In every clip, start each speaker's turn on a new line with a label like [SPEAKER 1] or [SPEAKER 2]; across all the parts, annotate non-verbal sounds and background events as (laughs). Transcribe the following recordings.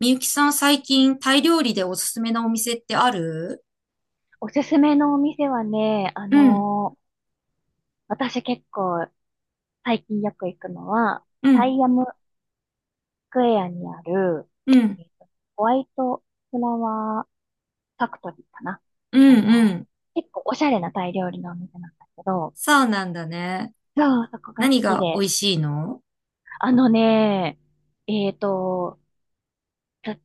[SPEAKER 1] みゆきさん、最近タイ料理でおすすめなお店ってある？
[SPEAKER 2] おすすめのお店はね、
[SPEAKER 1] うん、
[SPEAKER 2] 私結構最近よく行くのは、
[SPEAKER 1] う
[SPEAKER 2] タ
[SPEAKER 1] ん、
[SPEAKER 2] イアムスクエアにある、
[SPEAKER 1] うん、
[SPEAKER 2] えーとホワイトフラワーファクトリーかな。
[SPEAKER 1] う
[SPEAKER 2] あ
[SPEAKER 1] ん、
[SPEAKER 2] の
[SPEAKER 1] う
[SPEAKER 2] ー
[SPEAKER 1] ん、
[SPEAKER 2] 結構おしゃれなタイ料理のお店なんだけど、
[SPEAKER 1] そうなんだね。
[SPEAKER 2] そう、そこが好
[SPEAKER 1] 何
[SPEAKER 2] き
[SPEAKER 1] が美
[SPEAKER 2] で。
[SPEAKER 1] 味しいの？
[SPEAKER 2] あのね、えっと、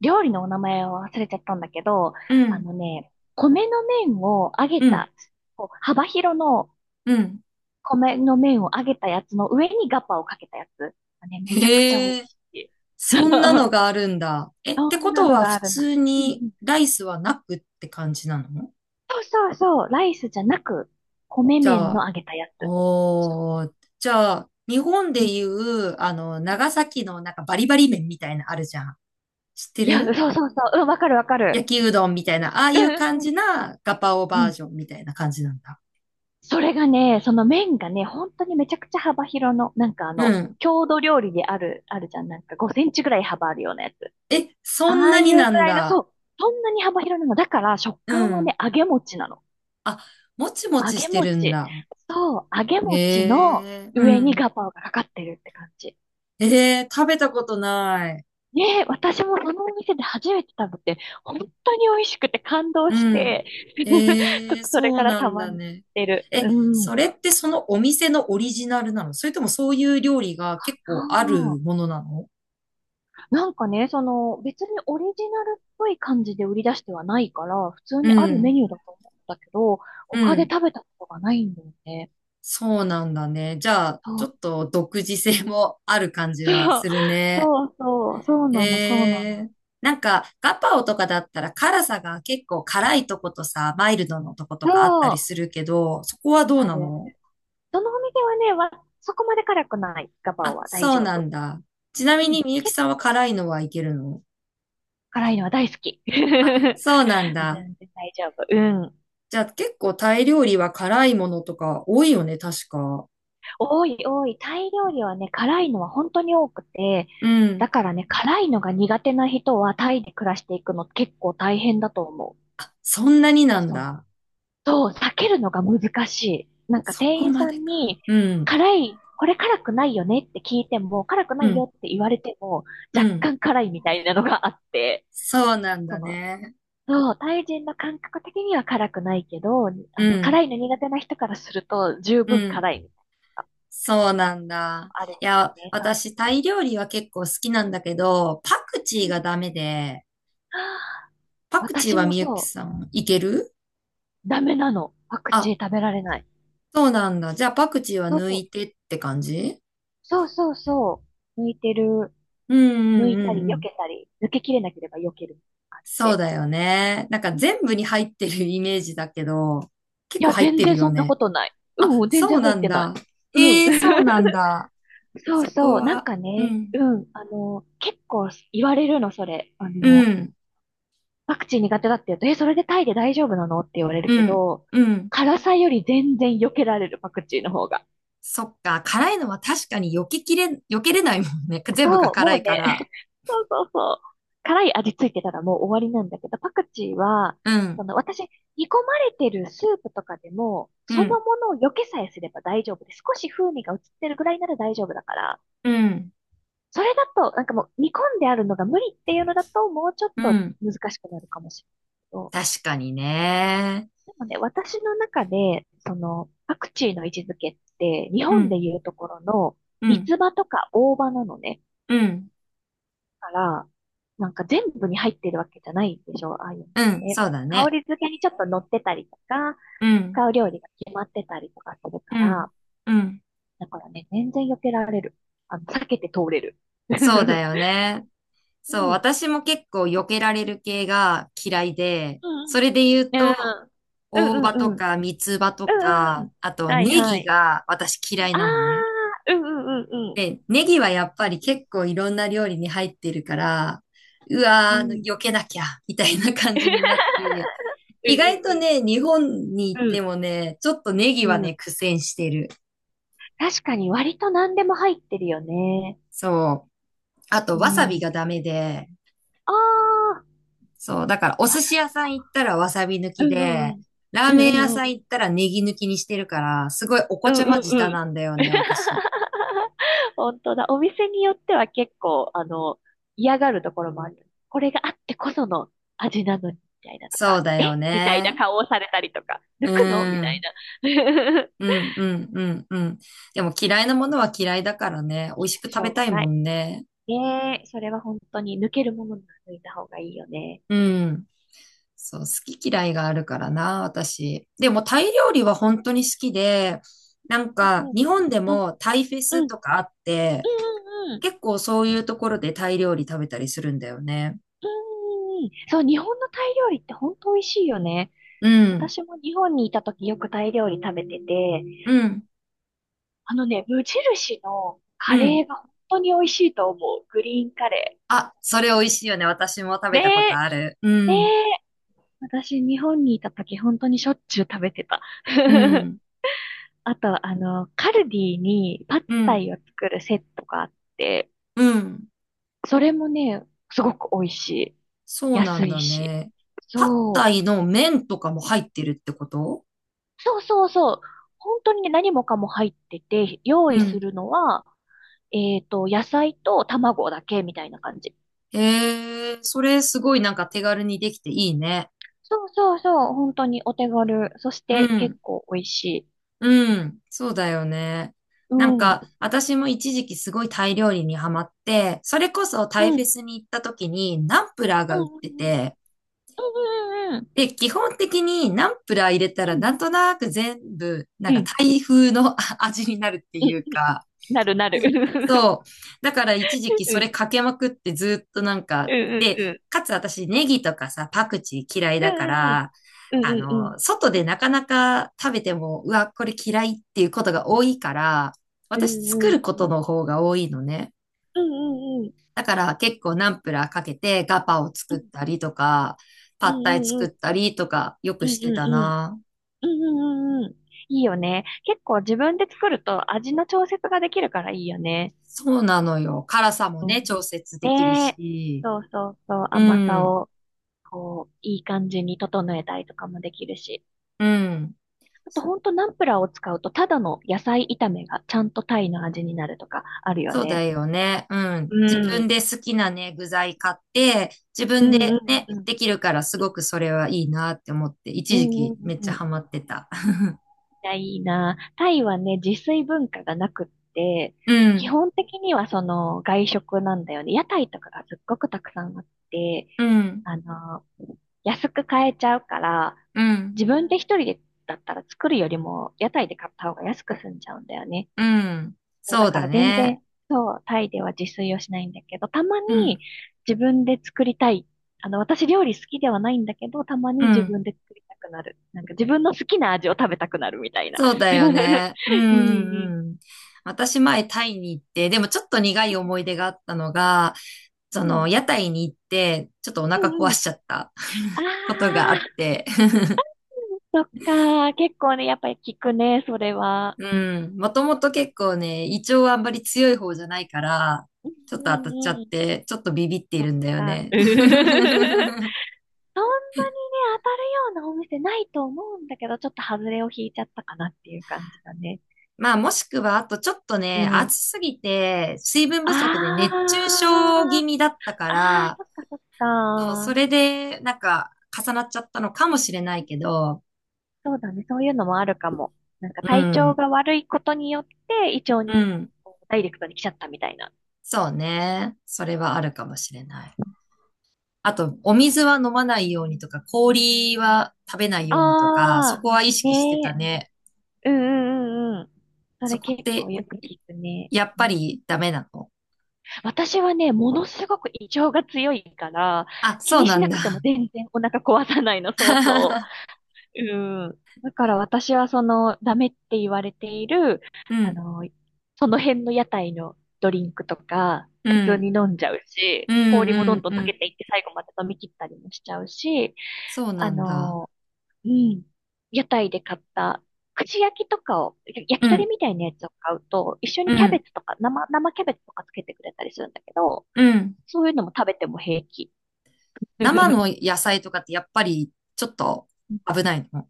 [SPEAKER 2] 料理のお名前を忘れちゃったんだけど、
[SPEAKER 1] う
[SPEAKER 2] あ
[SPEAKER 1] ん、
[SPEAKER 2] のね、米の麺を揚げ
[SPEAKER 1] うん、
[SPEAKER 2] た、こう幅広の
[SPEAKER 1] うん。
[SPEAKER 2] 米の麺を揚げたやつの上にガパをかけたやつ。ね、めちゃくちゃ美
[SPEAKER 1] へ
[SPEAKER 2] 味
[SPEAKER 1] え、
[SPEAKER 2] しい。
[SPEAKER 1] そんなの
[SPEAKER 2] (laughs)
[SPEAKER 1] があるんだ。え、って
[SPEAKER 2] そ
[SPEAKER 1] こ
[SPEAKER 2] んな
[SPEAKER 1] と
[SPEAKER 2] の
[SPEAKER 1] は
[SPEAKER 2] があ
[SPEAKER 1] 普
[SPEAKER 2] るの。
[SPEAKER 1] 通
[SPEAKER 2] うん
[SPEAKER 1] に
[SPEAKER 2] うん。
[SPEAKER 1] ライスはなくって感じなの？
[SPEAKER 2] そうそうそう。ライスじゃなく、米
[SPEAKER 1] じゃ
[SPEAKER 2] 麺の
[SPEAKER 1] あ、
[SPEAKER 2] 揚げたやつ。そ
[SPEAKER 1] おー、じゃあ、日本
[SPEAKER 2] う。うん、
[SPEAKER 1] でいう、長崎のなんかバリバリ麺みたいなのあるじゃん。知って
[SPEAKER 2] いや、そ
[SPEAKER 1] る？
[SPEAKER 2] うそうそう。うん、わかるわか
[SPEAKER 1] 焼
[SPEAKER 2] る。
[SPEAKER 1] きうどんみたいな、ああ
[SPEAKER 2] う
[SPEAKER 1] いう
[SPEAKER 2] ん
[SPEAKER 1] 感
[SPEAKER 2] うん
[SPEAKER 1] じ
[SPEAKER 2] う
[SPEAKER 1] なガパオ
[SPEAKER 2] ん。う
[SPEAKER 1] バー
[SPEAKER 2] ん。
[SPEAKER 1] ジョンみたいな感じなんだ。
[SPEAKER 2] それがね、その麺がね、本当にめちゃくちゃ幅広の、なんかあ
[SPEAKER 1] う
[SPEAKER 2] の、
[SPEAKER 1] ん。
[SPEAKER 2] 郷土料理である、あるじゃん。なんか5センチぐらい幅あるようなやつ。
[SPEAKER 1] え、
[SPEAKER 2] あ
[SPEAKER 1] そん
[SPEAKER 2] あ
[SPEAKER 1] な
[SPEAKER 2] いう
[SPEAKER 1] にな
[SPEAKER 2] ぐ
[SPEAKER 1] ん
[SPEAKER 2] らいの、そ
[SPEAKER 1] だ。
[SPEAKER 2] う。そんなに幅広なの。だから、食
[SPEAKER 1] う
[SPEAKER 2] 感は
[SPEAKER 1] ん。
[SPEAKER 2] ね、揚げ餅なの。
[SPEAKER 1] あ、もちも
[SPEAKER 2] 揚
[SPEAKER 1] ち
[SPEAKER 2] げ
[SPEAKER 1] してるん
[SPEAKER 2] 餅。
[SPEAKER 1] だ。
[SPEAKER 2] そう、揚げ
[SPEAKER 1] へ
[SPEAKER 2] 餅の
[SPEAKER 1] え、う
[SPEAKER 2] 上に
[SPEAKER 1] ん。
[SPEAKER 2] ガパオがかかってるって感じ。
[SPEAKER 1] ええ、食べたことない。
[SPEAKER 2] ねえ、私もそのお店で初めて食べて、本当に美味しくて感動
[SPEAKER 1] う
[SPEAKER 2] し
[SPEAKER 1] ん。
[SPEAKER 2] て、(laughs) ちょ
[SPEAKER 1] え
[SPEAKER 2] っ
[SPEAKER 1] え、
[SPEAKER 2] とそれ
[SPEAKER 1] そう
[SPEAKER 2] から
[SPEAKER 1] な
[SPEAKER 2] た
[SPEAKER 1] ん
[SPEAKER 2] ま
[SPEAKER 1] だ
[SPEAKER 2] に行っ
[SPEAKER 1] ね。
[SPEAKER 2] てる。
[SPEAKER 1] え、
[SPEAKER 2] うん。
[SPEAKER 1] それってそのお店のオリジナルなの？それともそういう料理が
[SPEAKER 2] あ
[SPEAKER 1] 結構ある
[SPEAKER 2] あ、
[SPEAKER 1] ものなの？
[SPEAKER 2] なんかね、その、別にオリジナルっぽい感じで売り出してはないから、普通
[SPEAKER 1] う
[SPEAKER 2] にあるメ
[SPEAKER 1] ん。
[SPEAKER 2] ニューだと思ったけど、
[SPEAKER 1] う
[SPEAKER 2] 他で
[SPEAKER 1] ん。
[SPEAKER 2] 食べたことがないんだよね。
[SPEAKER 1] そうなんだね。じゃあ、ち
[SPEAKER 2] そ
[SPEAKER 1] ょ
[SPEAKER 2] う、
[SPEAKER 1] っと独自性もある感じ
[SPEAKER 2] そ
[SPEAKER 1] は
[SPEAKER 2] う、
[SPEAKER 1] するね。
[SPEAKER 2] そう、そう、そうなの、そうな
[SPEAKER 1] え
[SPEAKER 2] の。
[SPEAKER 1] ー、なんか、ガパオとかだったら辛さが結構辛いとことさ、マイルドのとこと
[SPEAKER 2] そ
[SPEAKER 1] かあったり
[SPEAKER 2] う、
[SPEAKER 1] するけど、そこはどう
[SPEAKER 2] あ
[SPEAKER 1] な
[SPEAKER 2] るあ
[SPEAKER 1] の？
[SPEAKER 2] る。どのお店はね、そこまで辛くない。ガパオ
[SPEAKER 1] あ、
[SPEAKER 2] は大
[SPEAKER 1] そう
[SPEAKER 2] 丈
[SPEAKER 1] な
[SPEAKER 2] 夫。
[SPEAKER 1] んだ。ちな
[SPEAKER 2] う
[SPEAKER 1] み
[SPEAKER 2] ん。
[SPEAKER 1] にみゆき
[SPEAKER 2] 結
[SPEAKER 1] さんは
[SPEAKER 2] 構
[SPEAKER 1] 辛いのはいけるの？
[SPEAKER 2] 辛いのは大好き。(laughs) 全
[SPEAKER 1] そ
[SPEAKER 2] 然
[SPEAKER 1] うなんだ。
[SPEAKER 2] 大丈夫。うん。
[SPEAKER 1] じゃあ結構タイ料理は辛いものとか多いよね、確か。
[SPEAKER 2] 多い多い。タイ料理はね、辛いのは本当に多くて、
[SPEAKER 1] う
[SPEAKER 2] だ
[SPEAKER 1] ん。
[SPEAKER 2] からね、辛いのが苦手な人はタイで暮らしていくの結構大変だと思う。
[SPEAKER 1] そんなになん
[SPEAKER 2] そう、
[SPEAKER 1] だ。
[SPEAKER 2] そう避けるのが難しい。なんか
[SPEAKER 1] そ
[SPEAKER 2] 店
[SPEAKER 1] こ
[SPEAKER 2] 員
[SPEAKER 1] ま
[SPEAKER 2] さ
[SPEAKER 1] で
[SPEAKER 2] ん
[SPEAKER 1] か。
[SPEAKER 2] に、
[SPEAKER 1] うん。
[SPEAKER 2] 辛い、これ辛くないよねって聞いても、辛くな
[SPEAKER 1] う
[SPEAKER 2] いよ
[SPEAKER 1] ん。
[SPEAKER 2] って言われても、
[SPEAKER 1] う
[SPEAKER 2] 若
[SPEAKER 1] ん。
[SPEAKER 2] 干辛いみたいなのがあって、
[SPEAKER 1] そうなん
[SPEAKER 2] そ
[SPEAKER 1] だ
[SPEAKER 2] の、
[SPEAKER 1] ね。
[SPEAKER 2] そう、タイ人の感覚的には辛くないけど、
[SPEAKER 1] うん、
[SPEAKER 2] 辛いの苦手な人からすると十
[SPEAKER 1] う
[SPEAKER 2] 分
[SPEAKER 1] ん。
[SPEAKER 2] 辛いみたいなのが
[SPEAKER 1] そうなんだ。
[SPEAKER 2] あるん
[SPEAKER 1] い
[SPEAKER 2] だよ
[SPEAKER 1] や、
[SPEAKER 2] ね。そ
[SPEAKER 1] 私、タ
[SPEAKER 2] うそ
[SPEAKER 1] イ料理は結構好きなんだけど、パクチー
[SPEAKER 2] う。う
[SPEAKER 1] が
[SPEAKER 2] ん。
[SPEAKER 1] ダメで、パクチー
[SPEAKER 2] 私
[SPEAKER 1] は
[SPEAKER 2] も
[SPEAKER 1] みゆき
[SPEAKER 2] そ
[SPEAKER 1] さん、いける？
[SPEAKER 2] う、ダメなの。パクチー
[SPEAKER 1] あ、
[SPEAKER 2] 食べられない。
[SPEAKER 1] そうなんだ。じゃあ、パクチーは
[SPEAKER 2] そ
[SPEAKER 1] 抜
[SPEAKER 2] う、
[SPEAKER 1] いてって感じ？
[SPEAKER 2] そうそうそう。抜いてる、
[SPEAKER 1] うんう
[SPEAKER 2] 抜
[SPEAKER 1] ん
[SPEAKER 2] い
[SPEAKER 1] う
[SPEAKER 2] た
[SPEAKER 1] ん
[SPEAKER 2] り、
[SPEAKER 1] う
[SPEAKER 2] 避
[SPEAKER 1] ん。
[SPEAKER 2] けたり、抜けきれなければ避けるみたいなのがあっ
[SPEAKER 1] そう
[SPEAKER 2] て。
[SPEAKER 1] だよね。なんか
[SPEAKER 2] い
[SPEAKER 1] 全部に入ってるイメージだけど、結構
[SPEAKER 2] や、
[SPEAKER 1] 入っ
[SPEAKER 2] 全
[SPEAKER 1] てる
[SPEAKER 2] 然
[SPEAKER 1] よ
[SPEAKER 2] そんなこ
[SPEAKER 1] ね。
[SPEAKER 2] とない。
[SPEAKER 1] あ、
[SPEAKER 2] うん、全
[SPEAKER 1] そ
[SPEAKER 2] 然
[SPEAKER 1] う
[SPEAKER 2] 入
[SPEAKER 1] な
[SPEAKER 2] っ
[SPEAKER 1] ん
[SPEAKER 2] てない。
[SPEAKER 1] だ。
[SPEAKER 2] う
[SPEAKER 1] へ
[SPEAKER 2] ん。
[SPEAKER 1] え、そうなん
[SPEAKER 2] (laughs)
[SPEAKER 1] だ。
[SPEAKER 2] そう
[SPEAKER 1] そこ
[SPEAKER 2] そう、なん
[SPEAKER 1] は、
[SPEAKER 2] か
[SPEAKER 1] う
[SPEAKER 2] ね、
[SPEAKER 1] ん、
[SPEAKER 2] うん、結構言われるの、それ。
[SPEAKER 1] うん、
[SPEAKER 2] パクチー苦手だって言うと、え、それでタイで大丈夫なのって言われる
[SPEAKER 1] う
[SPEAKER 2] け
[SPEAKER 1] ん、
[SPEAKER 2] ど、
[SPEAKER 1] うん。
[SPEAKER 2] 辛さより全然避けられる、パクチーの方が。
[SPEAKER 1] そっか、辛いのは確かに避けきれ、避けれないもんね。(laughs) 全部が
[SPEAKER 2] そう、も
[SPEAKER 1] 辛
[SPEAKER 2] う
[SPEAKER 1] いか
[SPEAKER 2] ね、
[SPEAKER 1] ら。
[SPEAKER 2] (laughs) そうそうそう。辛い味ついてたらもう終わりなんだけど、パクチーは、
[SPEAKER 1] うん、
[SPEAKER 2] 私、煮込まれてるスープとかでも、
[SPEAKER 1] う
[SPEAKER 2] その
[SPEAKER 1] ん、
[SPEAKER 2] ものを避けさえすれば大丈夫で、少し風味が移ってるぐらいなら大丈夫だから、
[SPEAKER 1] うん、
[SPEAKER 2] それだと、なんかもう煮込んであるのが無理っていうのだと、もうちょっ
[SPEAKER 1] う
[SPEAKER 2] と
[SPEAKER 1] ん。
[SPEAKER 2] 難しくなるかもしれないけど、
[SPEAKER 1] 確かにね。
[SPEAKER 2] でもね、私の中で、その、パクチーの位置づけって、日
[SPEAKER 1] う
[SPEAKER 2] 本で
[SPEAKER 1] ん、
[SPEAKER 2] いうところの、
[SPEAKER 1] う
[SPEAKER 2] 三
[SPEAKER 1] ん、
[SPEAKER 2] つ葉とか大葉なのね。
[SPEAKER 1] うん、
[SPEAKER 2] だから、なんか全部に入ってるわけじゃないでしょ、ああいうのっ
[SPEAKER 1] うん、
[SPEAKER 2] て。
[SPEAKER 1] そうだ
[SPEAKER 2] 香
[SPEAKER 1] ね。
[SPEAKER 2] り付けにちょっと乗ってたりとか、
[SPEAKER 1] うん、
[SPEAKER 2] 使う料理が決まってたりとかするか
[SPEAKER 1] うん、
[SPEAKER 2] ら、
[SPEAKER 1] うん。
[SPEAKER 2] だからね、全然避けられる。避けて通れる。
[SPEAKER 1] そうだ
[SPEAKER 2] (laughs)
[SPEAKER 1] よね。
[SPEAKER 2] う
[SPEAKER 1] そう、
[SPEAKER 2] ん。
[SPEAKER 1] 私も結構避けられる系が嫌いで、
[SPEAKER 2] う
[SPEAKER 1] それ
[SPEAKER 2] ん。
[SPEAKER 1] で言う
[SPEAKER 2] うん。うん。
[SPEAKER 1] と、
[SPEAKER 2] う
[SPEAKER 1] 大
[SPEAKER 2] んう
[SPEAKER 1] 葉
[SPEAKER 2] ん
[SPEAKER 1] と
[SPEAKER 2] うん。
[SPEAKER 1] か三つ葉と
[SPEAKER 2] うんうんう
[SPEAKER 1] か、
[SPEAKER 2] ん。
[SPEAKER 1] あと
[SPEAKER 2] はい
[SPEAKER 1] ネ
[SPEAKER 2] は
[SPEAKER 1] ギ
[SPEAKER 2] い。
[SPEAKER 1] が私嫌い
[SPEAKER 2] ああ、
[SPEAKER 1] なのね。
[SPEAKER 2] うんうんうん
[SPEAKER 1] で、ネギはやっぱり結構いろんな料理に入ってるから、う
[SPEAKER 2] うん。
[SPEAKER 1] わー、
[SPEAKER 2] う
[SPEAKER 1] 避
[SPEAKER 2] ん。
[SPEAKER 1] けなきゃ、みたいな感じにな
[SPEAKER 2] (laughs)
[SPEAKER 1] って、
[SPEAKER 2] う
[SPEAKER 1] 意外と
[SPEAKER 2] ん
[SPEAKER 1] ね、日本に
[SPEAKER 2] う
[SPEAKER 1] 行っ
[SPEAKER 2] んう
[SPEAKER 1] て
[SPEAKER 2] ん。
[SPEAKER 1] もね、ちょっとネギ
[SPEAKER 2] う
[SPEAKER 1] は
[SPEAKER 2] んう
[SPEAKER 1] ね、
[SPEAKER 2] ん。
[SPEAKER 1] 苦戦してる。
[SPEAKER 2] 確かに割と何でも入ってるよね。
[SPEAKER 1] そう。あ
[SPEAKER 2] う
[SPEAKER 1] と、わさび
[SPEAKER 2] ん。
[SPEAKER 1] がダメで、
[SPEAKER 2] ああ、
[SPEAKER 1] そう。だから、お寿司屋さん行ったらわさび抜
[SPEAKER 2] う
[SPEAKER 1] き
[SPEAKER 2] んうん
[SPEAKER 1] で、
[SPEAKER 2] うん。
[SPEAKER 1] ラー
[SPEAKER 2] うん
[SPEAKER 1] メン
[SPEAKER 2] う
[SPEAKER 1] 屋さ
[SPEAKER 2] んう
[SPEAKER 1] ん行っ
[SPEAKER 2] ん。
[SPEAKER 1] たらネギ抜きにしてるから、すごいお子
[SPEAKER 2] うん
[SPEAKER 1] ちゃ
[SPEAKER 2] う
[SPEAKER 1] ま
[SPEAKER 2] んう
[SPEAKER 1] 舌
[SPEAKER 2] ん。
[SPEAKER 1] なんだよね、私。
[SPEAKER 2] (laughs) 本当だ。お店によっては結構、嫌がるところもある。これがあってこその味なのに、みたいなと
[SPEAKER 1] そう
[SPEAKER 2] か、
[SPEAKER 1] だ
[SPEAKER 2] え
[SPEAKER 1] よ
[SPEAKER 2] みたいな
[SPEAKER 1] ね。
[SPEAKER 2] 顔をされたりとか、
[SPEAKER 1] う
[SPEAKER 2] 抜くのみたい
[SPEAKER 1] ん。
[SPEAKER 2] な。
[SPEAKER 1] うんうんうんうん。でも嫌いなものは嫌いだからね。美味
[SPEAKER 2] (laughs)
[SPEAKER 1] しく食
[SPEAKER 2] しょ
[SPEAKER 1] べ
[SPEAKER 2] う
[SPEAKER 1] た
[SPEAKER 2] が
[SPEAKER 1] い
[SPEAKER 2] な
[SPEAKER 1] も
[SPEAKER 2] い。
[SPEAKER 1] んね。
[SPEAKER 2] ねえ、それは本当に抜けるものなら抜いた方がいいよね。
[SPEAKER 1] うん。そう、好き嫌いがあるからな、私。でもタイ料理は本当に好きで、なん
[SPEAKER 2] うん
[SPEAKER 1] か
[SPEAKER 2] うん
[SPEAKER 1] 日本で
[SPEAKER 2] うん
[SPEAKER 1] もタイフェ
[SPEAKER 2] うん
[SPEAKER 1] ス
[SPEAKER 2] うん
[SPEAKER 1] とかあって、
[SPEAKER 2] うんうん。
[SPEAKER 1] 結構そういうところでタイ料理食べたりするんだよね。
[SPEAKER 2] うんうん。そう、日本のタイ料理って本当美味しいよね。
[SPEAKER 1] うん、
[SPEAKER 2] 私も日本にいた時よくタイ料理食べてて、
[SPEAKER 1] うん、
[SPEAKER 2] あのね、無印の
[SPEAKER 1] う
[SPEAKER 2] カレ
[SPEAKER 1] ん。
[SPEAKER 2] ーが本当に美味しいと思う。グリーンカレ
[SPEAKER 1] あ、それ美味しいよね。私も食
[SPEAKER 2] ー。
[SPEAKER 1] べたこと
[SPEAKER 2] ね
[SPEAKER 1] ある。う
[SPEAKER 2] え、ね
[SPEAKER 1] ん、
[SPEAKER 2] え。私日本にいた時本当にしょっちゅう食べてた。
[SPEAKER 1] う
[SPEAKER 2] (laughs)
[SPEAKER 1] ん、
[SPEAKER 2] あと、カルディにパッ
[SPEAKER 1] う
[SPEAKER 2] タ
[SPEAKER 1] ん、
[SPEAKER 2] イを作るセットがあって、
[SPEAKER 1] うん。
[SPEAKER 2] それもね、すごく美味し
[SPEAKER 1] そ
[SPEAKER 2] い。
[SPEAKER 1] うなん
[SPEAKER 2] 安い
[SPEAKER 1] だ
[SPEAKER 2] し。
[SPEAKER 1] ね。パッタ
[SPEAKER 2] そう。
[SPEAKER 1] イの麺とかも入ってるってこと？
[SPEAKER 2] そうそうそう。本当にね、何もかも入ってて、用意
[SPEAKER 1] う
[SPEAKER 2] す
[SPEAKER 1] ん。
[SPEAKER 2] るのは、野菜と卵だけみたいな感じ。
[SPEAKER 1] へえ、それすごいなんか手軽にできていいね。
[SPEAKER 2] そうそうそう。本当にお手軽。そし
[SPEAKER 1] う
[SPEAKER 2] て結
[SPEAKER 1] ん。
[SPEAKER 2] 構美味しい。
[SPEAKER 1] うん。そうだよね。
[SPEAKER 2] う
[SPEAKER 1] なん
[SPEAKER 2] ん。う
[SPEAKER 1] か、私も一時期すごいタイ料理にハマって、それこそタイ
[SPEAKER 2] ん。う
[SPEAKER 1] フェ
[SPEAKER 2] ん。
[SPEAKER 1] スに行った時にナンプラー
[SPEAKER 2] う
[SPEAKER 1] が売って
[SPEAKER 2] ん
[SPEAKER 1] て、
[SPEAKER 2] うんうん。
[SPEAKER 1] で、基本的にナンプラー入れた
[SPEAKER 2] う
[SPEAKER 1] ら
[SPEAKER 2] ん。
[SPEAKER 1] なんとなく全部、なん
[SPEAKER 2] う
[SPEAKER 1] か
[SPEAKER 2] ん。
[SPEAKER 1] タイ風の (laughs) 味になるって
[SPEAKER 2] うん。
[SPEAKER 1] いう
[SPEAKER 2] うん。
[SPEAKER 1] か、
[SPEAKER 2] なるなる。
[SPEAKER 1] そう。だから一時期
[SPEAKER 2] う
[SPEAKER 1] それ
[SPEAKER 2] ん。
[SPEAKER 1] かけまくってずっとなんか、
[SPEAKER 2] うん
[SPEAKER 1] で、
[SPEAKER 2] うんうん。
[SPEAKER 1] かつ私ネギとかさ、パクチー嫌い
[SPEAKER 2] う
[SPEAKER 1] だか
[SPEAKER 2] ん
[SPEAKER 1] ら、
[SPEAKER 2] うんうん。
[SPEAKER 1] 外でなかなか食べても、うわ、これ嫌いっていうことが多いから、
[SPEAKER 2] う
[SPEAKER 1] 私作
[SPEAKER 2] んうん
[SPEAKER 1] るこ
[SPEAKER 2] う
[SPEAKER 1] と
[SPEAKER 2] ん。う
[SPEAKER 1] の方が多いのね。
[SPEAKER 2] んうんうん。
[SPEAKER 1] だから結構ナンプラーかけてガパを作ったりとか、パ
[SPEAKER 2] うん
[SPEAKER 1] ッ
[SPEAKER 2] う
[SPEAKER 1] タイ
[SPEAKER 2] んう
[SPEAKER 1] 作っ
[SPEAKER 2] ん。
[SPEAKER 1] たりとかよ
[SPEAKER 2] う
[SPEAKER 1] く
[SPEAKER 2] ん
[SPEAKER 1] してた
[SPEAKER 2] うんうん。
[SPEAKER 1] な。
[SPEAKER 2] うんうんうんうん。いいよね。結構自分で作ると味の調節ができるからいいよね。
[SPEAKER 1] そうなのよ。辛さも
[SPEAKER 2] う
[SPEAKER 1] ね、調
[SPEAKER 2] ん。
[SPEAKER 1] 節できる
[SPEAKER 2] ねえ。
[SPEAKER 1] し。
[SPEAKER 2] そうそうそう。
[SPEAKER 1] う
[SPEAKER 2] 甘さ
[SPEAKER 1] ん、
[SPEAKER 2] を、こう、いい感じに整えたりとかもできるし。
[SPEAKER 1] うん。
[SPEAKER 2] あと、ほんとナンプラーを使うと、ただの野菜炒めがちゃんとタイの味になるとかあるよ
[SPEAKER 1] そうだ
[SPEAKER 2] ね。
[SPEAKER 1] よね。うん。
[SPEAKER 2] う
[SPEAKER 1] 自分
[SPEAKER 2] ん。
[SPEAKER 1] で好きなね、具材買って、自
[SPEAKER 2] う
[SPEAKER 1] 分
[SPEAKER 2] んう
[SPEAKER 1] で
[SPEAKER 2] ん
[SPEAKER 1] ね、
[SPEAKER 2] うん。
[SPEAKER 1] できるからすごくそれはいいなって思って、
[SPEAKER 2] う
[SPEAKER 1] 一時
[SPEAKER 2] んう
[SPEAKER 1] 期
[SPEAKER 2] ん
[SPEAKER 1] めっち
[SPEAKER 2] う
[SPEAKER 1] ゃ
[SPEAKER 2] ん。
[SPEAKER 1] ハマってた。(laughs)
[SPEAKER 2] いや、いいな。タイはね、自炊文化がなくって、
[SPEAKER 1] う
[SPEAKER 2] 基
[SPEAKER 1] ん、
[SPEAKER 2] 本的にはその外食なんだよね。屋台とかがすっごくたくさんあって、
[SPEAKER 1] うん、
[SPEAKER 2] あの、安く買えちゃうから、
[SPEAKER 1] うん、
[SPEAKER 2] 自分で一人でだったら作るよりも屋台で買った方が安く済んじゃうんだよね。
[SPEAKER 1] うん。
[SPEAKER 2] そう、
[SPEAKER 1] そ
[SPEAKER 2] だ
[SPEAKER 1] う
[SPEAKER 2] か
[SPEAKER 1] だ
[SPEAKER 2] ら全
[SPEAKER 1] ね。
[SPEAKER 2] 然、そう、タイでは自炊をしないんだけど、たま
[SPEAKER 1] う
[SPEAKER 2] に
[SPEAKER 1] ん、
[SPEAKER 2] 自分で作りたい。私料理好きではないんだけど、たま
[SPEAKER 1] う
[SPEAKER 2] に自
[SPEAKER 1] ん。
[SPEAKER 2] 分で作りたくなる。なんか自分の好きな味を食べたくなるみたいな。
[SPEAKER 1] そうだよ
[SPEAKER 2] (laughs)
[SPEAKER 1] ね。うん、
[SPEAKER 2] う
[SPEAKER 1] う
[SPEAKER 2] ん。
[SPEAKER 1] ん、うん。私前タイに行って、でもちょっと苦い思い出があったのが、そ
[SPEAKER 2] う
[SPEAKER 1] の
[SPEAKER 2] ん。
[SPEAKER 1] 屋台に行って、ちょっとお
[SPEAKER 2] う
[SPEAKER 1] 腹壊
[SPEAKER 2] んうん。
[SPEAKER 1] しちゃった
[SPEAKER 2] あ
[SPEAKER 1] (laughs) ことがあっ
[SPEAKER 2] あ、
[SPEAKER 1] て。
[SPEAKER 2] そっか。結構ね、やっぱり聞くね、それは。
[SPEAKER 1] うん。もともと結構ね、胃腸はあんまり強い方じゃないから、
[SPEAKER 2] うん
[SPEAKER 1] ちょっ
[SPEAKER 2] う
[SPEAKER 1] と当たっちゃ
[SPEAKER 2] ん
[SPEAKER 1] っ
[SPEAKER 2] うん。
[SPEAKER 1] て、ちょっとビビってい
[SPEAKER 2] そっ
[SPEAKER 1] るんだよ
[SPEAKER 2] か。(laughs)
[SPEAKER 1] ね。
[SPEAKER 2] そんな
[SPEAKER 1] (laughs)
[SPEAKER 2] 当たるようなお店ないと思うんだけど、ちょっと外れを引いちゃったかなっていう感じだね。
[SPEAKER 1] まあ、もしくは、あとちょっと
[SPEAKER 2] う
[SPEAKER 1] ね、
[SPEAKER 2] ん。
[SPEAKER 1] 暑すぎて、水分不足で
[SPEAKER 2] あ
[SPEAKER 1] 熱中症気
[SPEAKER 2] あ、
[SPEAKER 1] 味だったか
[SPEAKER 2] ああ、
[SPEAKER 1] ら、
[SPEAKER 2] そっかそっ
[SPEAKER 1] そう、そ
[SPEAKER 2] か。
[SPEAKER 1] れで、なんか、重なっちゃったのかもしれないけど、
[SPEAKER 2] そうだね。そういうのもあるかも。なんか
[SPEAKER 1] う
[SPEAKER 2] 体調
[SPEAKER 1] ん、
[SPEAKER 2] が悪いことによって胃腸
[SPEAKER 1] う
[SPEAKER 2] に
[SPEAKER 1] ん。
[SPEAKER 2] こうダイレクトに来ちゃったみたいな。
[SPEAKER 1] そうね。それはあるかもしれない。あと、お水は飲まないようにとか、氷は食べない
[SPEAKER 2] あ
[SPEAKER 1] ようにとか、そ
[SPEAKER 2] あ、
[SPEAKER 1] こは意識してた
[SPEAKER 2] ね
[SPEAKER 1] ね。
[SPEAKER 2] え。うんうんうんうん。それ
[SPEAKER 1] そこっ
[SPEAKER 2] 結構
[SPEAKER 1] て、
[SPEAKER 2] よく
[SPEAKER 1] い
[SPEAKER 2] 聞くね。
[SPEAKER 1] やっ
[SPEAKER 2] う
[SPEAKER 1] ぱ
[SPEAKER 2] ん。
[SPEAKER 1] りダメなの？
[SPEAKER 2] 私はね、ものすごく胃腸が強いから、
[SPEAKER 1] あ、
[SPEAKER 2] 気
[SPEAKER 1] そう
[SPEAKER 2] に
[SPEAKER 1] な
[SPEAKER 2] し
[SPEAKER 1] ん
[SPEAKER 2] な
[SPEAKER 1] だ。
[SPEAKER 2] くても全然お腹壊さないの、そうそ
[SPEAKER 1] (laughs)
[SPEAKER 2] う。うん。だから私はその、ダメって言われている、
[SPEAKER 1] う
[SPEAKER 2] あ
[SPEAKER 1] ん、
[SPEAKER 2] の、その辺の屋台のドリンクとか、
[SPEAKER 1] う
[SPEAKER 2] 普通に
[SPEAKER 1] ん、
[SPEAKER 2] 飲んじゃうし、
[SPEAKER 1] うん、
[SPEAKER 2] 氷
[SPEAKER 1] う
[SPEAKER 2] もどん
[SPEAKER 1] ん、
[SPEAKER 2] どん
[SPEAKER 1] う
[SPEAKER 2] 溶け
[SPEAKER 1] ん。
[SPEAKER 2] ていって最後まで飲み切ったりもしちゃうし、
[SPEAKER 1] そうな
[SPEAKER 2] あ
[SPEAKER 1] んだ。
[SPEAKER 2] の、うん。屋台で買った、串焼きとかを、焼
[SPEAKER 1] う
[SPEAKER 2] き鳥
[SPEAKER 1] ん、
[SPEAKER 2] みたいなやつを買うと、一緒
[SPEAKER 1] う
[SPEAKER 2] にキャベ
[SPEAKER 1] ん、
[SPEAKER 2] ツとか、生キャベツとかつけてくれたりするんだけど、
[SPEAKER 1] うん。
[SPEAKER 2] そういうのも食べても平気。
[SPEAKER 1] 生
[SPEAKER 2] (laughs)
[SPEAKER 1] の野菜とかってやっぱりちょっと危ないの？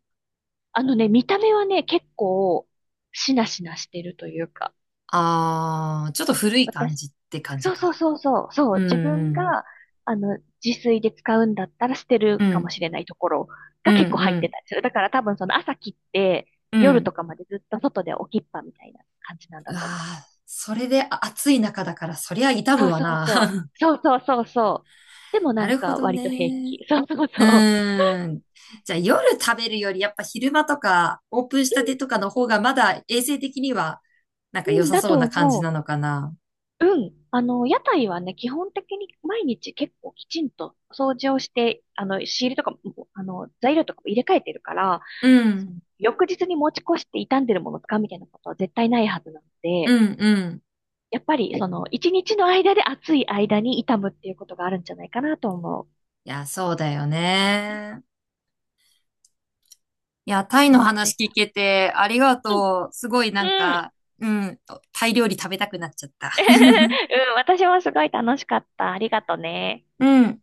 [SPEAKER 2] あのね、見た目はね、結構、しなしなしてるというか、
[SPEAKER 1] あー、ちょっと古い感
[SPEAKER 2] 私、
[SPEAKER 1] じって感じ
[SPEAKER 2] そうそ
[SPEAKER 1] か。
[SPEAKER 2] うそうそう、そ
[SPEAKER 1] う
[SPEAKER 2] う、自分
[SPEAKER 1] ん、
[SPEAKER 2] が、自炊で使うんだったら捨てる
[SPEAKER 1] うん、う
[SPEAKER 2] かも
[SPEAKER 1] ん、
[SPEAKER 2] しれないところ
[SPEAKER 1] う
[SPEAKER 2] が
[SPEAKER 1] ん、
[SPEAKER 2] 結構入
[SPEAKER 1] う
[SPEAKER 2] って
[SPEAKER 1] ん。
[SPEAKER 2] たりする。だから多分その朝切って
[SPEAKER 1] う
[SPEAKER 2] 夜と
[SPEAKER 1] ん、
[SPEAKER 2] かまでずっと外で置きっぱみたいな感じなんだと思う。
[SPEAKER 1] あー、それであ暑い中だからそりゃ痛む
[SPEAKER 2] そう
[SPEAKER 1] わ
[SPEAKER 2] そう
[SPEAKER 1] な。
[SPEAKER 2] そう。
[SPEAKER 1] (laughs)
[SPEAKER 2] そうそうそうそう。でもな
[SPEAKER 1] な
[SPEAKER 2] ん
[SPEAKER 1] るほ
[SPEAKER 2] か
[SPEAKER 1] ど
[SPEAKER 2] 割と平
[SPEAKER 1] ね。
[SPEAKER 2] 気。そうそう
[SPEAKER 1] う
[SPEAKER 2] そ
[SPEAKER 1] ーん。じゃあ夜食べるよりやっぱ昼間とかオープンしたてとかの方がまだ衛生的にはなん
[SPEAKER 2] う。
[SPEAKER 1] か良
[SPEAKER 2] うん、
[SPEAKER 1] さ
[SPEAKER 2] だ
[SPEAKER 1] そう
[SPEAKER 2] と
[SPEAKER 1] な感じ
[SPEAKER 2] 思う。
[SPEAKER 1] なのかな。
[SPEAKER 2] うん。屋台はね、基本的に毎日結構きちんと掃除をして、仕入れとかも、材料とかも入れ替えてるから、
[SPEAKER 1] う
[SPEAKER 2] そ
[SPEAKER 1] ん。
[SPEAKER 2] の翌日に持ち越して傷んでるもの使うみたいなことは絶対ないはずなの
[SPEAKER 1] う
[SPEAKER 2] で、
[SPEAKER 1] ん、うん。
[SPEAKER 2] やっぱり一日の間で暑い間に傷むっていうことがあるんじゃないかなと思う。
[SPEAKER 1] いや、そうだよね。いや、タイ
[SPEAKER 2] そう、
[SPEAKER 1] の
[SPEAKER 2] 暑
[SPEAKER 1] 話
[SPEAKER 2] い。
[SPEAKER 1] 聞けてありが
[SPEAKER 2] うん。
[SPEAKER 1] とう。すごいなん
[SPEAKER 2] うん。
[SPEAKER 1] か、うん、タイ料理食べたくなっちゃった。
[SPEAKER 2] (laughs) う
[SPEAKER 1] (laughs)
[SPEAKER 2] ん、(laughs) 私もすごい楽しかった。ありがとね。
[SPEAKER 1] うん。